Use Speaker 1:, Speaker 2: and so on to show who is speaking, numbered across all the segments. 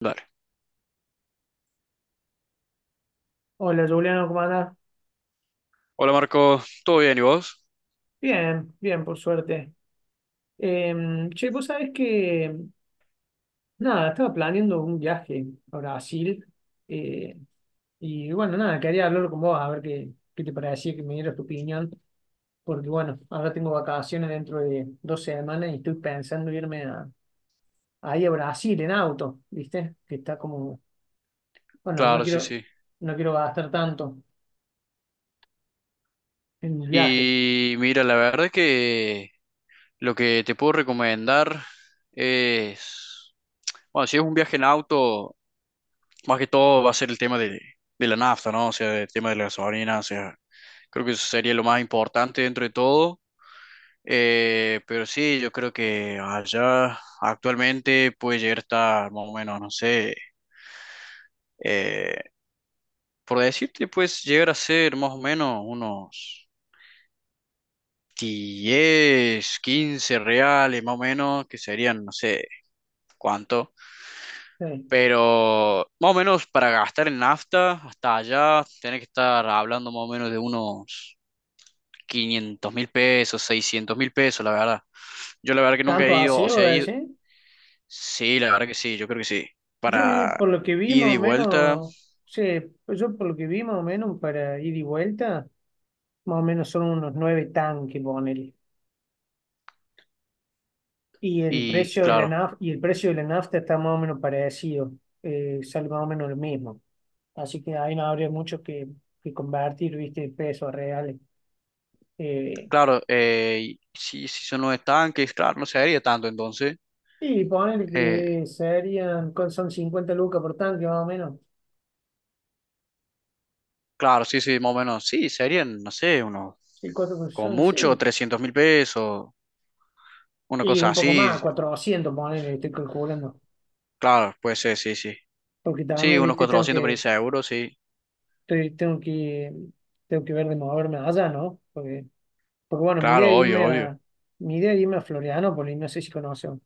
Speaker 1: Dale.
Speaker 2: Hola Juliano, ¿cómo andás?
Speaker 1: Hola Marco, ¿todo bien y vos?
Speaker 2: Bien, bien, por suerte. Eh, Che, vos sabés que, nada, estaba planeando un viaje a Brasil, eh, y bueno, nada, quería hablar con vos a ver qué te parecía, que me dieras tu opinión. Porque bueno, ahora tengo vacaciones dentro de dos semanas y estoy pensando ahí a Brasil en auto, ¿viste? Que está como, bueno, no
Speaker 1: Claro, sí,
Speaker 2: quiero,
Speaker 1: sí.
Speaker 2: no quiero gastar tanto en el viaje.
Speaker 1: Y mira, la verdad que lo que te puedo recomendar es, bueno, si es un viaje en auto, más que todo va a ser el tema de la nafta, ¿no? O sea, el tema de la gasolina, o sea, creo que eso sería lo más importante dentro de todo. Pero sí, yo creo que allá actualmente puede llegar a estar más o menos, no sé, eh, por decirte, puedes llegar a ser más o menos unos 10 15 reales más o menos, que serían no sé cuánto,
Speaker 2: Sí.
Speaker 1: pero más o menos para gastar en nafta hasta allá tenés que estar hablando más o menos de unos 500.000 pesos, 600.000 pesos, la verdad. Yo la verdad que nunca
Speaker 2: ¿Tanto
Speaker 1: he ido,
Speaker 2: así,
Speaker 1: o sea,
Speaker 2: voy a
Speaker 1: he ido,
Speaker 2: decir?
Speaker 1: sí, la verdad que sí, yo creo que sí,
Speaker 2: Yo vi,
Speaker 1: para
Speaker 2: por lo que vi
Speaker 1: ida
Speaker 2: más
Speaker 1: y
Speaker 2: o
Speaker 1: vuelta.
Speaker 2: menos, sí, pues yo por lo que vi más o menos para ir y vuelta, más o menos son unos nueve tanques, ponele. Y el
Speaker 1: Y
Speaker 2: precio de la
Speaker 1: claro,
Speaker 2: nafta, y el precio de la nafta está más o menos parecido, sale más o menos lo mismo. Así que ahí no habría mucho que convertir, viste, pesos reales. Eh,
Speaker 1: claro, y si, son los estanques, claro, no se haría tanto entonces.
Speaker 2: y ponele
Speaker 1: eh,
Speaker 2: que serían, ¿cuánto son 50 lucas por tanque más o menos?
Speaker 1: Claro, sí, sí, más o menos. Sí, serían, no sé, unos,
Speaker 2: Sí,
Speaker 1: con
Speaker 2: son, sí.
Speaker 1: mucho, 300.000 pesos, una
Speaker 2: Y
Speaker 1: cosa
Speaker 2: un poco más,
Speaker 1: así.
Speaker 2: 400, ponele, estoy calculando.
Speaker 1: Claro, puede ser, sí, sí.
Speaker 2: Porque
Speaker 1: Sí,
Speaker 2: también,
Speaker 1: unos
Speaker 2: viste, tengo
Speaker 1: 400 por
Speaker 2: que,
Speaker 1: ahí seguro, sí.
Speaker 2: estoy- tengo que ver de moverme allá, ¿no? Porque, porque bueno,
Speaker 1: Claro, obvio, obvio.
Speaker 2: mi idea es irme a Florianópolis, no sé si conocen.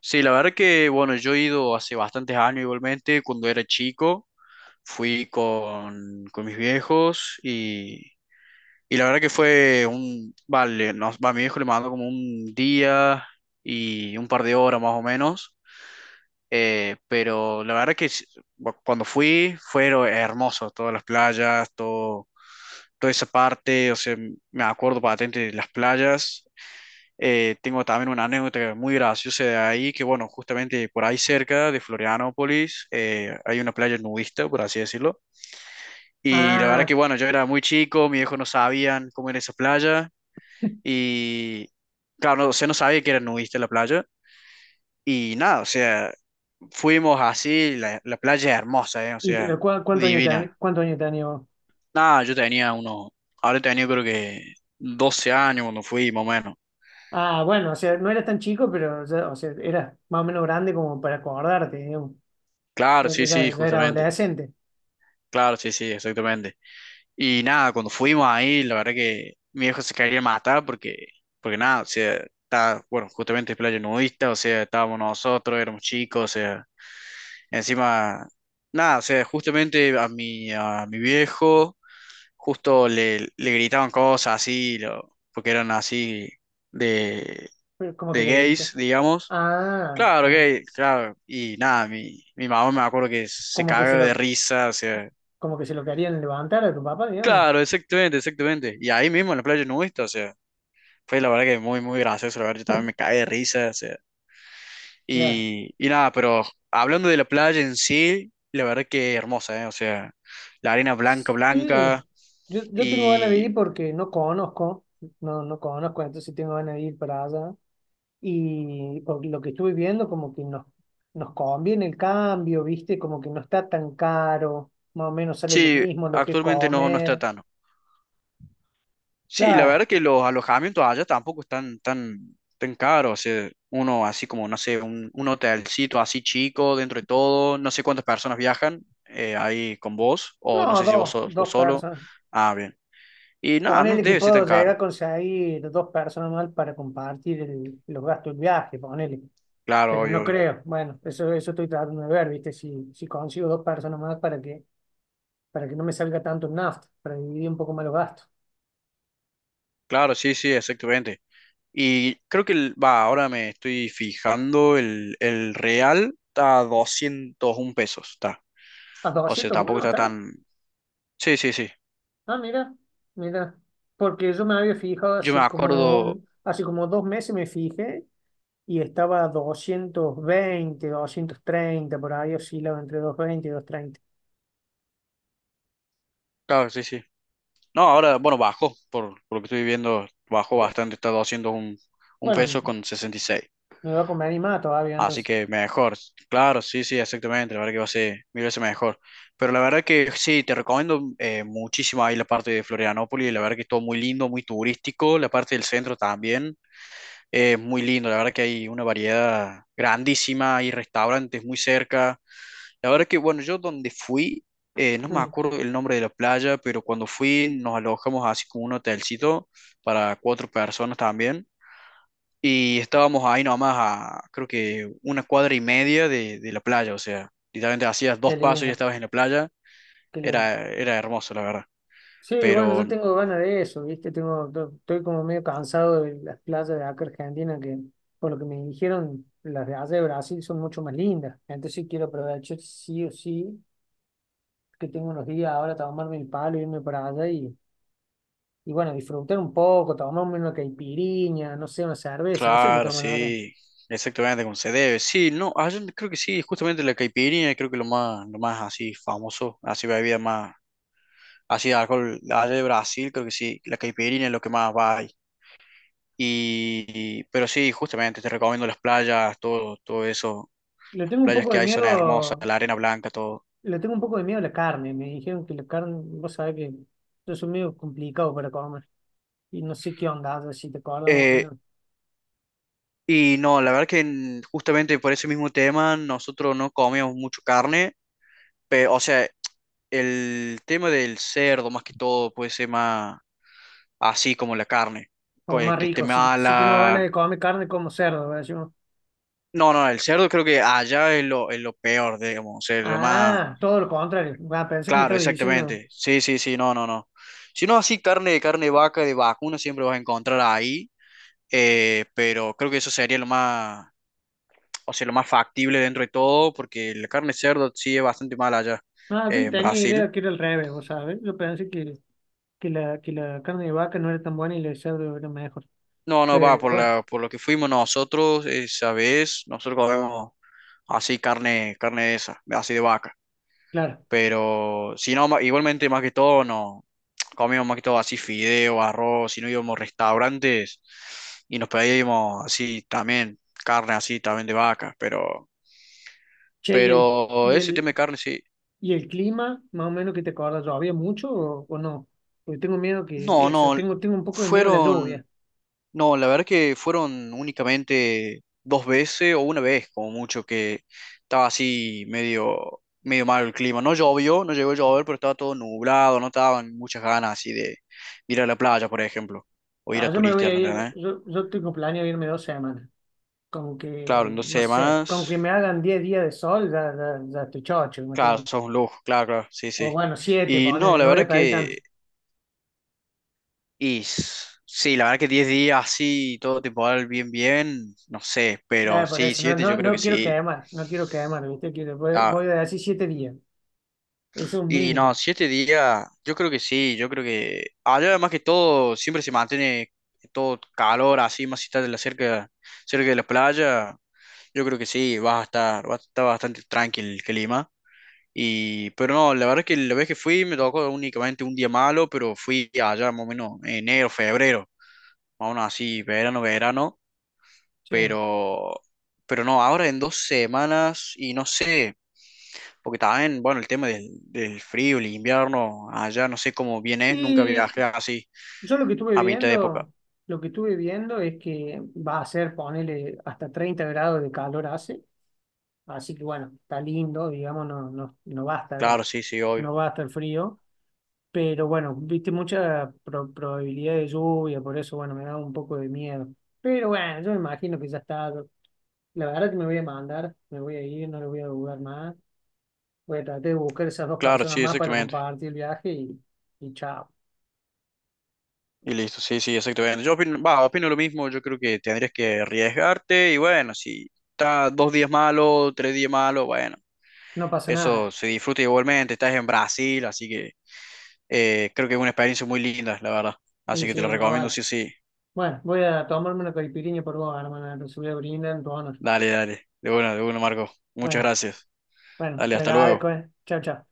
Speaker 1: Sí, la verdad que, bueno, yo he ido hace bastantes años igualmente, cuando era chico, fui con mis viejos y la verdad que vale, mi viejo le mandó como un día y un par de horas más o menos. Pero la verdad que cuando fui, fue hermoso, todas las playas, todo, toda esa parte, o sea, me acuerdo patente de las playas. Tengo también una anécdota muy graciosa de ahí, que bueno, justamente por ahí cerca de Florianópolis, hay una playa nudista, por así decirlo. Y la verdad
Speaker 2: Ah,
Speaker 1: que bueno, yo era muy chico, mis viejos no sabían cómo era esa playa, y claro, no, o sea, no sabía que era nudista la playa. Y nada, o sea, fuimos así, la playa es hermosa, ¿eh? O
Speaker 2: y
Speaker 1: sea,
Speaker 2: pero ¿cuánto años tenía,
Speaker 1: divina.
Speaker 2: cuánto años tenía vos?
Speaker 1: Nada, yo tenía unos, ahora tenía creo que 12 años cuando fui, más o menos.
Speaker 2: Ah, bueno, o sea, no eras tan chico, o sea, eras más o menos grande como para acordarte, digamos.
Speaker 1: Claro, sí, sí,
Speaker 2: Ya era
Speaker 1: justamente.
Speaker 2: adolescente,
Speaker 1: Claro, sí, sí, exactamente. Y nada, cuando fuimos ahí, la verdad que mi viejo se quería matar porque nada, o sea, está, bueno, justamente es playa nudista, o sea, estábamos nosotros, éramos chicos, o sea, encima, nada, o sea, justamente a mi viejo justo le gritaban cosas así, porque eran así de,
Speaker 2: pero como que
Speaker 1: de
Speaker 2: le grita.
Speaker 1: gays, digamos.
Speaker 2: Ah,
Speaker 1: Claro,
Speaker 2: ah,
Speaker 1: gay, claro. Y nada, mi mamá me acuerdo que se
Speaker 2: como que se
Speaker 1: cagó de
Speaker 2: lo,
Speaker 1: risa, o sea.
Speaker 2: como que se lo querían levantar a tu papá, digamos.
Speaker 1: Claro, exactamente, exactamente. Y ahí mismo en la playa nudista, o sea, fue la verdad que muy, muy gracioso, la verdad, yo también me caí de risa, o sea.
Speaker 2: Claro.
Speaker 1: Y nada, pero hablando de la playa en sí, la verdad que hermosa, ¿eh? O sea, la arena blanca,
Speaker 2: Sí,
Speaker 1: blanca.
Speaker 2: yo tengo ganas de
Speaker 1: Y
Speaker 2: ir porque no conozco, no conozco, entonces sí tengo ganas de ir para allá. Y por lo que estuve viendo, nos conviene el cambio, ¿viste? Como que no está tan caro, más o menos sale lo
Speaker 1: sí,
Speaker 2: mismo, lo que
Speaker 1: actualmente no, no está
Speaker 2: comer.
Speaker 1: tan. Sí, la
Speaker 2: Claro,
Speaker 1: verdad que los alojamientos allá tampoco están tan, tan caros. O sea, uno así como, no sé, un, hotelcito así chico dentro de todo. No sé cuántas personas viajan ahí con vos, o no
Speaker 2: no,
Speaker 1: sé si vos, vos
Speaker 2: dos
Speaker 1: solo.
Speaker 2: personas.
Speaker 1: Ah, bien. Y nada,
Speaker 2: Con el
Speaker 1: no debe ser
Speaker 2: equipo
Speaker 1: tan
Speaker 2: llega a
Speaker 1: caro.
Speaker 2: conseguir dos personas más para compartir los gastos del viaje, ponele.
Speaker 1: Claro,
Speaker 2: Pero no
Speaker 1: obvio, obvio.
Speaker 2: creo. Bueno, eso estoy tratando de ver, ¿viste? Si consigo dos personas más para que no me salga tanto el nafta, para dividir un poco más los gastos.
Speaker 1: Claro, sí, sí, exactamente. Y creo que, ahora me estoy fijando, el real está a 201 pesos, está.
Speaker 2: ¿A
Speaker 1: O sea,
Speaker 2: doscientos
Speaker 1: tampoco
Speaker 2: uno
Speaker 1: está
Speaker 2: está?
Speaker 1: tan. Sí, sí, sí.
Speaker 2: Ah, mira, mira. Porque yo me había fijado
Speaker 1: Yo me acuerdo,
Speaker 2: hace como dos meses me fijé y estaba a 220, doscientos treinta, por ahí oscilaba entre 220 y doscientos treinta.
Speaker 1: claro, sí, sí. No, ahora, bueno, bajo por lo que estoy viendo, bajo bastante, está haciendo un
Speaker 2: Bueno,
Speaker 1: peso con 66.
Speaker 2: me voy a comer animada todavía,
Speaker 1: Así
Speaker 2: entonces.
Speaker 1: que mejor, claro, sí, sí, exactamente, la verdad que va a ser mil veces mejor. Pero la verdad que sí, te recomiendo muchísimo ahí la parte de Florianópolis, la verdad que es todo muy lindo, muy turístico, la parte del centro también, es muy lindo, la verdad que hay una variedad grandísima, hay restaurantes muy cerca. La verdad que, bueno, yo donde fui, no me
Speaker 2: Mm,
Speaker 1: acuerdo el nombre de la playa, pero cuando fui nos alojamos así como un hotelcito para cuatro personas también. Y estábamos ahí nomás a, creo que una cuadra y media de la playa, o sea, literalmente hacías
Speaker 2: qué
Speaker 1: 2 pasos y ya
Speaker 2: lindo,
Speaker 1: estabas en la playa.
Speaker 2: qué lindo.
Speaker 1: Era hermoso, la verdad.
Speaker 2: Sí, bueno,
Speaker 1: Pero,
Speaker 2: yo tengo ganas de eso, ¿viste? Estoy como medio cansado de las playas de acá Argentina, que por lo que me dijeron, las de allá de Brasil son mucho más lindas. Entonces sí quiero aprovechar sí o sí, que tengo unos días ahora, tomarme el palo, irme para allá y bueno, disfrutar un poco, tomarme una caipirinha, no sé, una cerveza, no sé qué
Speaker 1: claro,
Speaker 2: toman allá.
Speaker 1: sí, exactamente como se debe. Sí, no, ah, yo creo que sí, justamente la caipirinha, creo que lo más así famoso, así bebida más, así de alcohol, allá de Brasil, creo que sí, la caipirinha es lo que más va ahí. Pero sí, justamente te recomiendo las playas, todo, todo eso,
Speaker 2: Le
Speaker 1: las
Speaker 2: tengo un
Speaker 1: playas
Speaker 2: poco
Speaker 1: que
Speaker 2: de
Speaker 1: hay son hermosas,
Speaker 2: miedo
Speaker 1: la arena blanca, todo.
Speaker 2: Le tengo un poco de miedo a la carne. Me dijeron que la carne, vos sabés que yo soy medio complicado para comer. Y no sé qué onda, a ver si te acordás más o
Speaker 1: Eh,
Speaker 2: menos.
Speaker 1: Y no, la verdad que justamente por ese mismo tema nosotros no comíamos mucho carne, pero, o sea, el tema del cerdo más que todo puede ser más así como la carne,
Speaker 2: Como más
Speaker 1: que esté
Speaker 2: rico. Si tengo ganas
Speaker 1: mala.
Speaker 2: de comer carne, como cerdo, ¿verdad?
Speaker 1: No, no, el cerdo creo que allá es lo, peor, digamos, o sea, lo más.
Speaker 2: Ah, todo lo contrario. Ah, pensé que me
Speaker 1: Claro,
Speaker 2: estabas diciendo.
Speaker 1: exactamente. Sí, sí, sí, no, no, no. Si no, así carne de vaca, de vacuna, siempre vas a encontrar ahí, pero creo que eso sería lo más, o sea, lo más factible dentro de todo, porque la carne de cerdo sí es bastante mala allá
Speaker 2: Ah, yo le
Speaker 1: en
Speaker 2: tenía idea
Speaker 1: Brasil.
Speaker 2: que era al revés, vos sabés. Yo pensé que la carne de vaca no era tan buena y la de cerdo era mejor.
Speaker 1: No, no,
Speaker 2: Pero bueno,
Speaker 1: por lo que fuimos nosotros esa vez, nosotros comemos así carne de esa, así de vaca.
Speaker 2: claro.
Speaker 1: Pero si no, igualmente más que todo, no. Comíamos más que todo así fideo, arroz, si no íbamos a restaurantes y nos pedíamos así también, carne así también de vaca, pero,
Speaker 2: Che, y el,
Speaker 1: pero
Speaker 2: y
Speaker 1: ese tema de
Speaker 2: el,
Speaker 1: carne sí.
Speaker 2: ¿Y el clima, más o menos, que te acordás? ¿Llovía mucho o no? Porque tengo miedo que
Speaker 1: No,
Speaker 2: eso,
Speaker 1: no,
Speaker 2: tengo, tengo un poco de miedo a la
Speaker 1: fueron,
Speaker 2: lluvia.
Speaker 1: no, la verdad que fueron únicamente 2 veces o una vez como mucho que estaba así medio, medio mal el clima. No llovió, no llegó a llover, pero estaba todo nublado, no estaban muchas ganas así de ir a la playa, por ejemplo, o ir
Speaker 2: Ah,
Speaker 1: a
Speaker 2: yo me voy
Speaker 1: turistear,
Speaker 2: a
Speaker 1: ¿me
Speaker 2: ir,
Speaker 1: entendés?
Speaker 2: yo tengo planeado irme dos semanas. Como
Speaker 1: Claro,
Speaker 2: que,
Speaker 1: en dos
Speaker 2: no sé, como que me
Speaker 1: semanas,
Speaker 2: hagan 10 días de sol, ya estoy chocho,
Speaker 1: claro,
Speaker 2: imagínate.
Speaker 1: sos un lujo, claro, claro, sí,
Speaker 2: O
Speaker 1: sí.
Speaker 2: bueno, 7
Speaker 1: Y no,
Speaker 2: ponele,
Speaker 1: la
Speaker 2: no voy a
Speaker 1: verdad
Speaker 2: pedir tanto.
Speaker 1: que sí, la verdad que 10 días así, todo temporal bien, bien, no sé, pero
Speaker 2: Por
Speaker 1: sí,
Speaker 2: eso, no,
Speaker 1: 7 yo
Speaker 2: no,
Speaker 1: creo
Speaker 2: no
Speaker 1: que
Speaker 2: quiero
Speaker 1: sí.
Speaker 2: quemar, no quiero quemar, ¿viste? Quiero, voy,
Speaker 1: Ah,
Speaker 2: voy a decir 7 días. Eso es un
Speaker 1: y no,
Speaker 2: mínimo.
Speaker 1: 7 días, yo creo que sí, yo creo que. Allá además que todo, siempre se mantiene todo calor así, más si estás cerca de la playa, yo creo que sí, vas a estar, bastante tranquilo que Lima. Pero no, la verdad que la vez que fui me tocó únicamente un día malo, pero fui allá más o menos enero, febrero, más o menos así, verano, verano.
Speaker 2: Sí.
Speaker 1: pero, pero no, ahora en 2 semanas y no sé, porque también, bueno, el tema del frío, el invierno, allá no sé cómo bien es, nunca
Speaker 2: Y
Speaker 1: viajé así
Speaker 2: yo lo que estuve
Speaker 1: a mitad de época.
Speaker 2: viendo, lo que estuve viendo es que va a ser, ponele, hasta 30 grados de calor hace, así que bueno, está lindo, digamos, no, no, no va a estar,
Speaker 1: Claro, sí, sí, obvio.
Speaker 2: no va a estar frío, pero bueno, viste mucha probabilidad de lluvia, por eso bueno, me da un poco de miedo. Pero bueno, yo me imagino que ya está, la verdad que me voy a mandar, me voy a ir, no lo voy a dudar más, voy a tratar de buscar esas dos
Speaker 1: Claro,
Speaker 2: personas
Speaker 1: sí,
Speaker 2: más para
Speaker 1: exactamente.
Speaker 2: compartir el viaje y chao,
Speaker 1: Y listo, sí, sí, exactamente. Yo opino lo mismo, yo creo que tendrías que arriesgarte y bueno, si está 2 días malo, 3 días malo, bueno,
Speaker 2: no pasa
Speaker 1: eso
Speaker 2: nada,
Speaker 1: se disfruta igualmente, estás en Brasil, así que creo que es una experiencia muy linda, la verdad. Así
Speaker 2: y
Speaker 1: que te lo
Speaker 2: sí, más
Speaker 1: recomiendo,
Speaker 2: vale.
Speaker 1: sí, sí.
Speaker 2: Bueno, voy a tomarme una caipirinha por vos, hermana. Te voy a brindar en tu honor.
Speaker 1: Dale, dale. De bueno, Marco. Muchas
Speaker 2: Bueno,
Speaker 1: gracias.
Speaker 2: bueno,
Speaker 1: Dale,
Speaker 2: te
Speaker 1: hasta
Speaker 2: agradezco,
Speaker 1: luego.
Speaker 2: eh. Chao, chao.